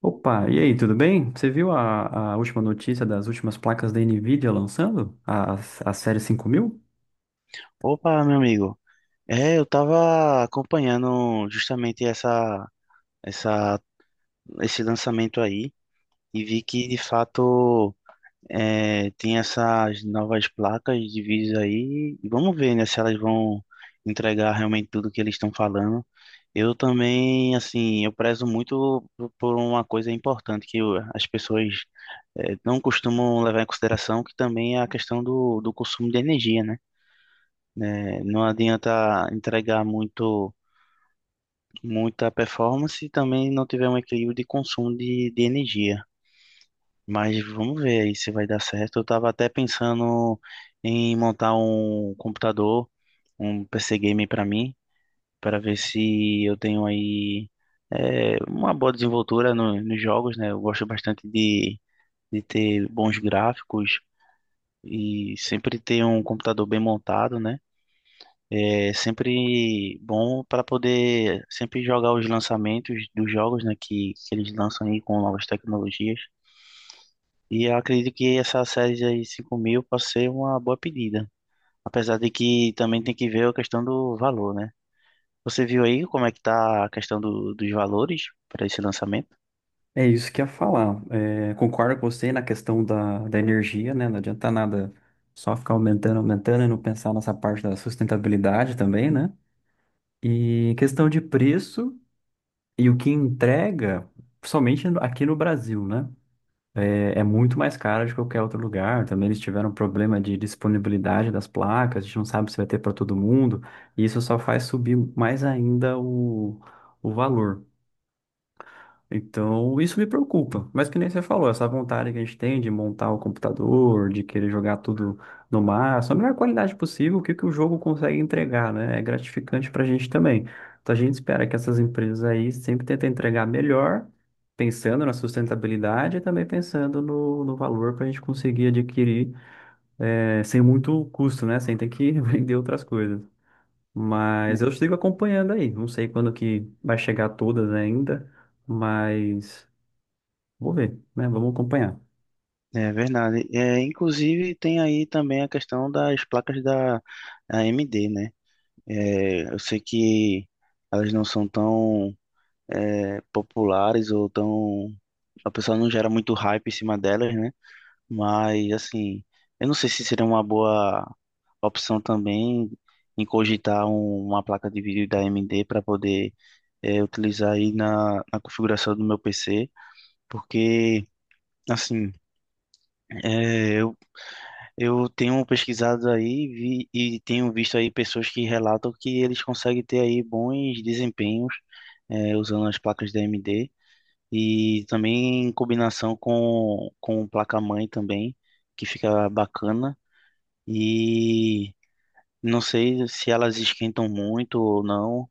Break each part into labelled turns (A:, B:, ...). A: Opa, e aí, tudo bem? Você viu a última notícia das últimas placas da Nvidia lançando? A série 5000?
B: Opa, meu amigo. Eu tava acompanhando justamente essa, esse lançamento aí e vi que de fato tem essas novas placas de vídeo aí. E vamos ver, né, se elas vão entregar realmente tudo que eles estão falando. Eu também, assim, eu prezo muito por uma coisa importante que eu- as pessoas não costumam levar em consideração, que também é a questão do consumo de energia, né? Né, não adianta entregar muito. Muita performance e também não tiver um equilíbrio de consumo de energia. Mas vamos ver aí se vai dar certo. Eu estava até pensando em montar um computador, um PC game para mim, para ver se eu tenho aí uma boa desenvoltura nos jogos, né? Eu gosto bastante de ter bons gráficos e sempre ter um computador bem montado, né? É sempre bom para poder sempre jogar os lançamentos dos jogos, né, que eles lançam aí com novas tecnologias. E eu acredito que essa série aí 5000 pode ser uma boa pedida. Apesar de que também tem que ver a questão do valor, né? Você viu aí como é que tá a questão dos valores para esse lançamento?
A: É isso que eu ia falar. É, concordo com você na questão da energia, né? Não adianta nada só ficar aumentando, aumentando e não pensar nessa parte da sustentabilidade também, né? E questão de preço e o que entrega, somente aqui no Brasil, né? É muito mais caro de qualquer outro lugar. Também eles tiveram problema de disponibilidade das placas, a gente não sabe se vai ter para todo mundo, e isso só faz subir mais ainda o valor. Então, isso me preocupa. Mas que nem você falou, essa vontade que a gente tem de montar o computador, de querer jogar tudo no máximo, a melhor qualidade possível, o que que o jogo consegue entregar, né? É gratificante pra gente também. Então, a gente espera que essas empresas aí sempre tentem entregar melhor, pensando na sustentabilidade e também pensando no, no valor para a gente conseguir adquirir, sem muito custo, né? Sem ter que vender outras coisas. Mas eu sigo acompanhando aí. Não sei quando que vai chegar todas ainda, mas vou ver, né? Vamos acompanhar.
B: É verdade. É, inclusive tem aí também a questão das placas da AMD, né? É, eu sei que elas não são tão populares ou tão. A pessoa não gera muito hype em cima delas, né? Mas, assim, eu não sei se seria uma boa opção também em cogitar uma placa de vídeo da AMD para poder utilizar aí na configuração do meu PC, porque, assim, é, eu, eu tenho pesquisado aí e tenho visto aí pessoas que relatam que eles conseguem ter aí bons desempenhos usando as placas da AMD. E também em combinação com o placa-mãe também, que fica bacana. E não sei se elas esquentam muito ou não,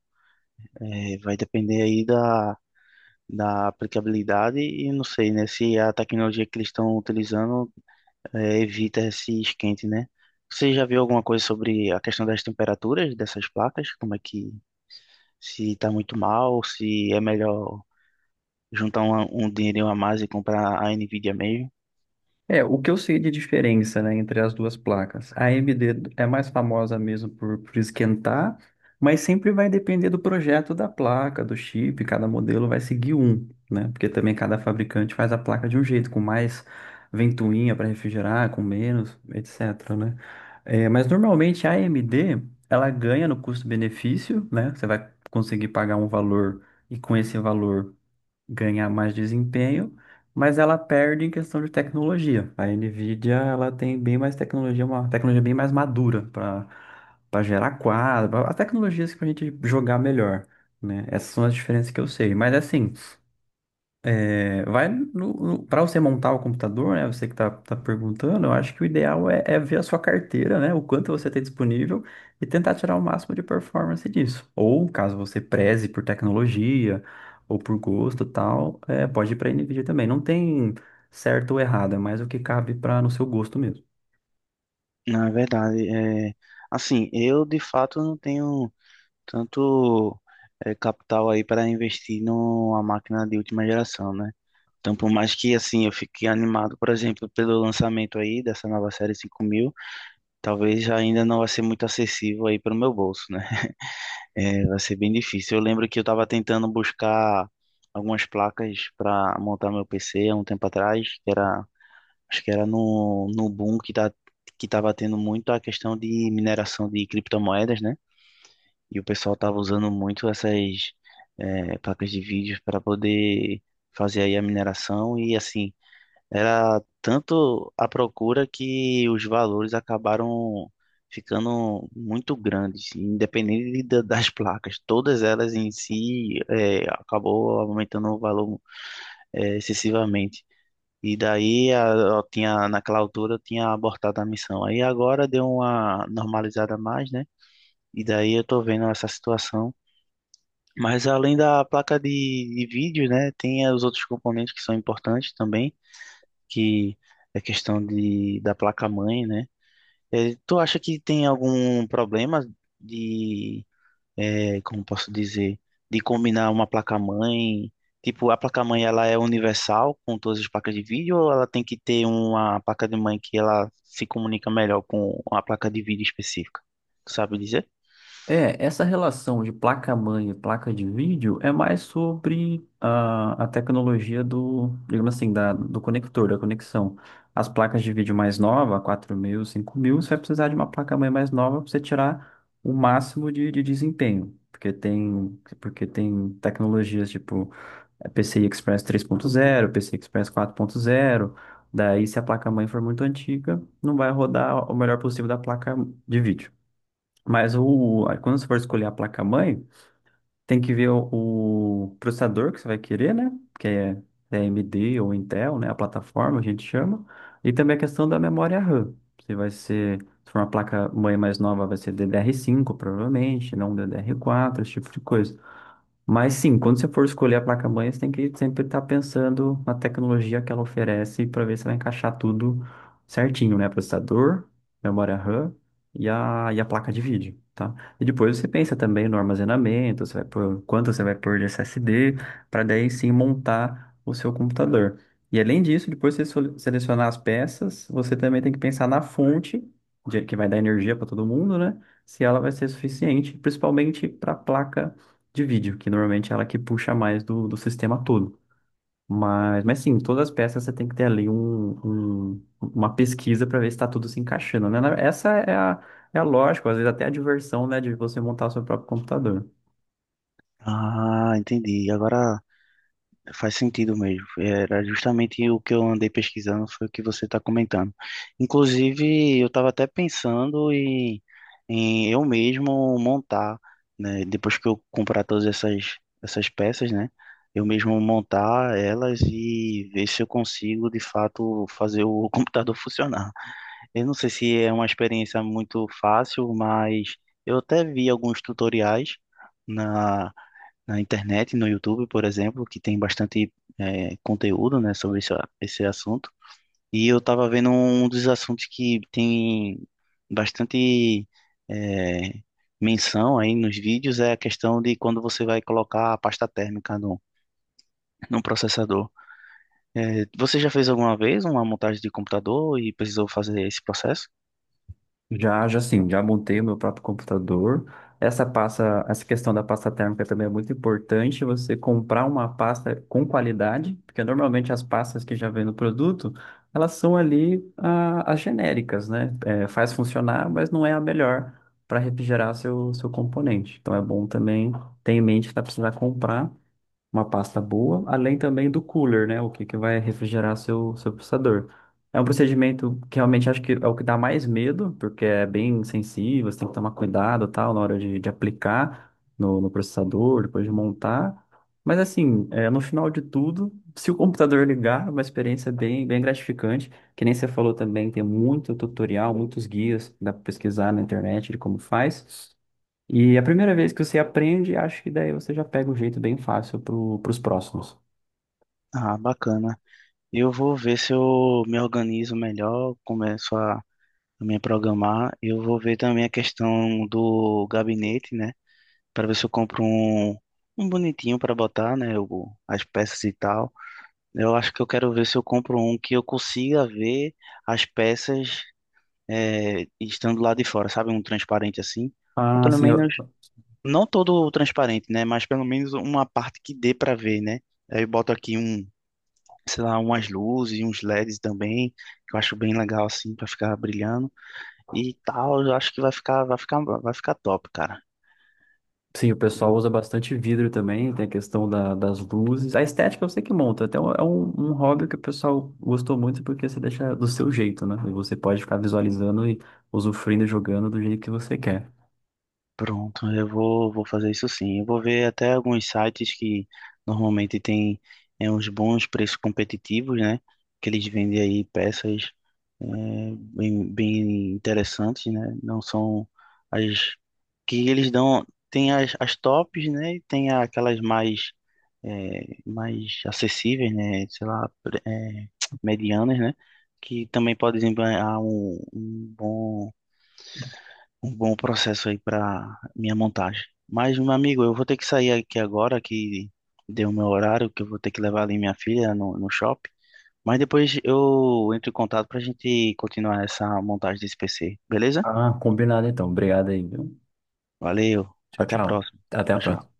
B: vai depender aí da aplicabilidade e não sei, né, se a tecnologia que eles estão utilizando evita esse esquente, né? Você já viu alguma coisa sobre a questão das temperaturas dessas placas? Como é que, se está muito mal, se é melhor juntar um dinheirinho a mais e comprar a NVIDIA mesmo?
A: É, o que eu sei de diferença, né, entre as duas placas. A AMD é mais famosa mesmo por esquentar, mas sempre vai depender do projeto da placa, do chip, cada modelo vai seguir um, né? Porque também cada fabricante faz a placa de um jeito, com mais ventoinha para refrigerar, com menos, etc, né? É, mas normalmente a AMD, ela ganha no custo-benefício, né? Você vai conseguir pagar um valor e com esse valor ganhar mais desempenho, mas ela perde em questão de tecnologia. A Nvidia, ela tem bem mais tecnologia, uma tecnologia bem mais madura para gerar quadro, as tecnologias que a gente jogar melhor, né? Essas são as diferenças que eu sei. Mas assim, é, vai para você montar o computador, né? Você que está perguntando, eu acho que o ideal é ver a sua carteira, né? O quanto você tem disponível e tentar tirar o máximo de performance disso. Ou caso você preze por tecnologia ou por gosto e tal, é, pode ir para a NVIDIA também. Não tem certo ou errado, é mais o que cabe para no seu gosto mesmo.
B: Não, é verdade. É, assim, eu de fato não tenho tanto capital aí para investir numa máquina de última geração, né? Então, por mais que assim eu fique animado, por exemplo, pelo lançamento aí dessa nova série 5000, talvez já ainda não vai ser muito acessível aí para o meu bolso, né? É, vai ser bem difícil. Eu lembro que eu estava tentando buscar algumas placas para montar meu PC há um tempo atrás, que era. Acho que era no boom que tá, que tava tendo muito a questão de mineração de criptomoedas, né? E o pessoal tava usando muito essas placas de vídeos para poder fazer aí a mineração e assim, era tanto a procura que os valores acabaram ficando muito grandes, independente das placas. Todas elas em si acabou aumentando o valor excessivamente. E daí eu tinha, naquela altura eu tinha abortado a missão. Aí agora deu uma normalizada a mais, né? E daí eu tô vendo essa situação. Mas além da placa de vídeo, né? Tem os outros componentes que são importantes também, que é questão da placa-mãe, né? Tu acha que tem algum problema de como posso dizer, de combinar uma placa-mãe. Tipo, a placa-mãe ela é universal com todas as placas de vídeo ou ela tem que ter uma placa de mãe que ela se comunica melhor com a placa de vídeo específica? Tu sabe dizer?
A: É, essa relação de placa-mãe e placa de vídeo é mais sobre a tecnologia do, digamos assim, da, do conector, da conexão. As placas de vídeo mais nova, 4000, 5000, você vai precisar de uma placa-mãe mais nova para você tirar o máximo de desempenho. Porque tem tecnologias tipo PCI Express 3.0, PCI Express 4.0. Daí, se a placa-mãe for muito antiga, não vai rodar o melhor possível da placa de vídeo. Mas o, aí quando você for escolher a placa-mãe, tem que ver o processador que você vai querer, né? Que é AMD ou Intel, né? A plataforma, a gente chama. E também a questão da memória RAM. Se vai ser, se for uma placa-mãe mais nova, vai ser DDR5, provavelmente, não DDR4, esse tipo de coisa. Mas sim, quando você for escolher a placa-mãe, você tem que sempre estar pensando na tecnologia que ela oferece para ver se vai encaixar tudo certinho, né? Processador, memória RAM e a placa de vídeo, tá? E depois você pensa também no armazenamento, você vai pôr, quanto você vai pôr de SSD, para daí sim montar o seu computador. E além disso, depois de você selecionar as peças, você também tem que pensar na fonte, que vai dar energia para todo mundo, né? Se ela vai ser suficiente, principalmente para a placa de vídeo, que normalmente é ela que puxa mais do sistema todo. Mas sim, todas as peças você tem que ter ali uma pesquisa para ver se está tudo se encaixando, né? Essa é a lógica, às vezes até a diversão, né, de você montar o seu próprio computador.
B: Ah, entendi. Agora faz sentido mesmo. Era justamente o que eu andei pesquisando, foi o que você está comentando. Inclusive, eu estava até pensando em eu mesmo montar, né? Depois que eu comprar essas peças, né? Eu mesmo montar elas e ver se eu consigo, de fato, fazer o computador funcionar. Eu não sei se é uma experiência muito fácil, mas eu até vi alguns tutoriais na na internet, no YouTube, por exemplo, que tem bastante conteúdo, né, sobre esse assunto. E eu estava vendo um dos assuntos que tem bastante é, menção aí nos vídeos é a questão de quando você vai colocar a pasta térmica no processador. É, você já fez alguma vez uma montagem de computador e precisou fazer esse processo?
A: Já, já sim, já montei o meu próprio computador. Essa pasta, essa questão da pasta térmica também é muito importante, você comprar uma pasta com qualidade, porque normalmente as pastas que já vem no produto, elas são ali as genéricas, né? É, faz funcionar, mas não é a melhor para refrigerar seu componente. Então é bom também ter em mente que tá precisando comprar uma pasta boa, além também do cooler, né? O que, que vai refrigerar seu processador. É um procedimento que realmente acho que é o que dá mais medo, porque é bem sensível, você tem que tomar cuidado, tal, na hora de aplicar no processador, depois de montar. Mas assim, é, no final de tudo, se o computador ligar, é uma experiência bem, bem gratificante. Que nem você falou também, tem muito tutorial, muitos guias, dá para pesquisar na internet de como faz. E a primeira vez que você aprende, acho que daí você já pega o jeito bem fácil pro, pros próximos.
B: Ah, bacana. Eu vou ver se eu me organizo melhor, começo a me programar. Eu vou ver também a questão do gabinete, né? Para ver se eu compro um bonitinho para botar, né? O- as peças e tal. Eu acho que eu quero ver se eu compro um que eu consiga ver as peças estando lá de fora, sabe? Um transparente assim. Ou
A: Ah,
B: pelo
A: sim,
B: menos, não todo transparente, né? Mas pelo menos uma parte que dê para ver, né? Aí eu boto aqui um, sei lá, umas luzes, uns LEDs também, que eu acho bem legal assim, para ficar brilhando e tal, eu acho que vai ficar, vai ficar, vai ficar top, cara.
A: sim, o pessoal
B: Vou,
A: usa bastante vidro também, tem a questão das luzes. A estética você que monta, até é um hobby que o pessoal gostou muito porque você deixa do seu jeito, né? E você pode ficar visualizando e usufruindo e jogando do jeito que você quer.
B: Pronto, vou fazer isso sim. Eu vou ver até alguns sites que normalmente tem uns bons preços competitivos, né? Que eles vendem aí peças é, bem, bem interessantes, né? Não são as que eles dão. Tem as, as tops, né? E tem aquelas mais, mais acessíveis, né? Sei lá, medianas, né? Que também podem desempenhar um bom processo aí para minha montagem. Mas, meu amigo, eu vou ter que sair aqui agora, que deu o meu horário, que eu vou ter que levar ali minha filha no shopping. Mas depois eu entro em contato para a gente continuar essa montagem desse PC, beleza?
A: Ah, combinado então. Obrigado aí, viu?
B: Valeu,
A: Tchau,
B: até a
A: tchau.
B: próxima.
A: Até a
B: Tchau,
A: próxima.
B: tchau.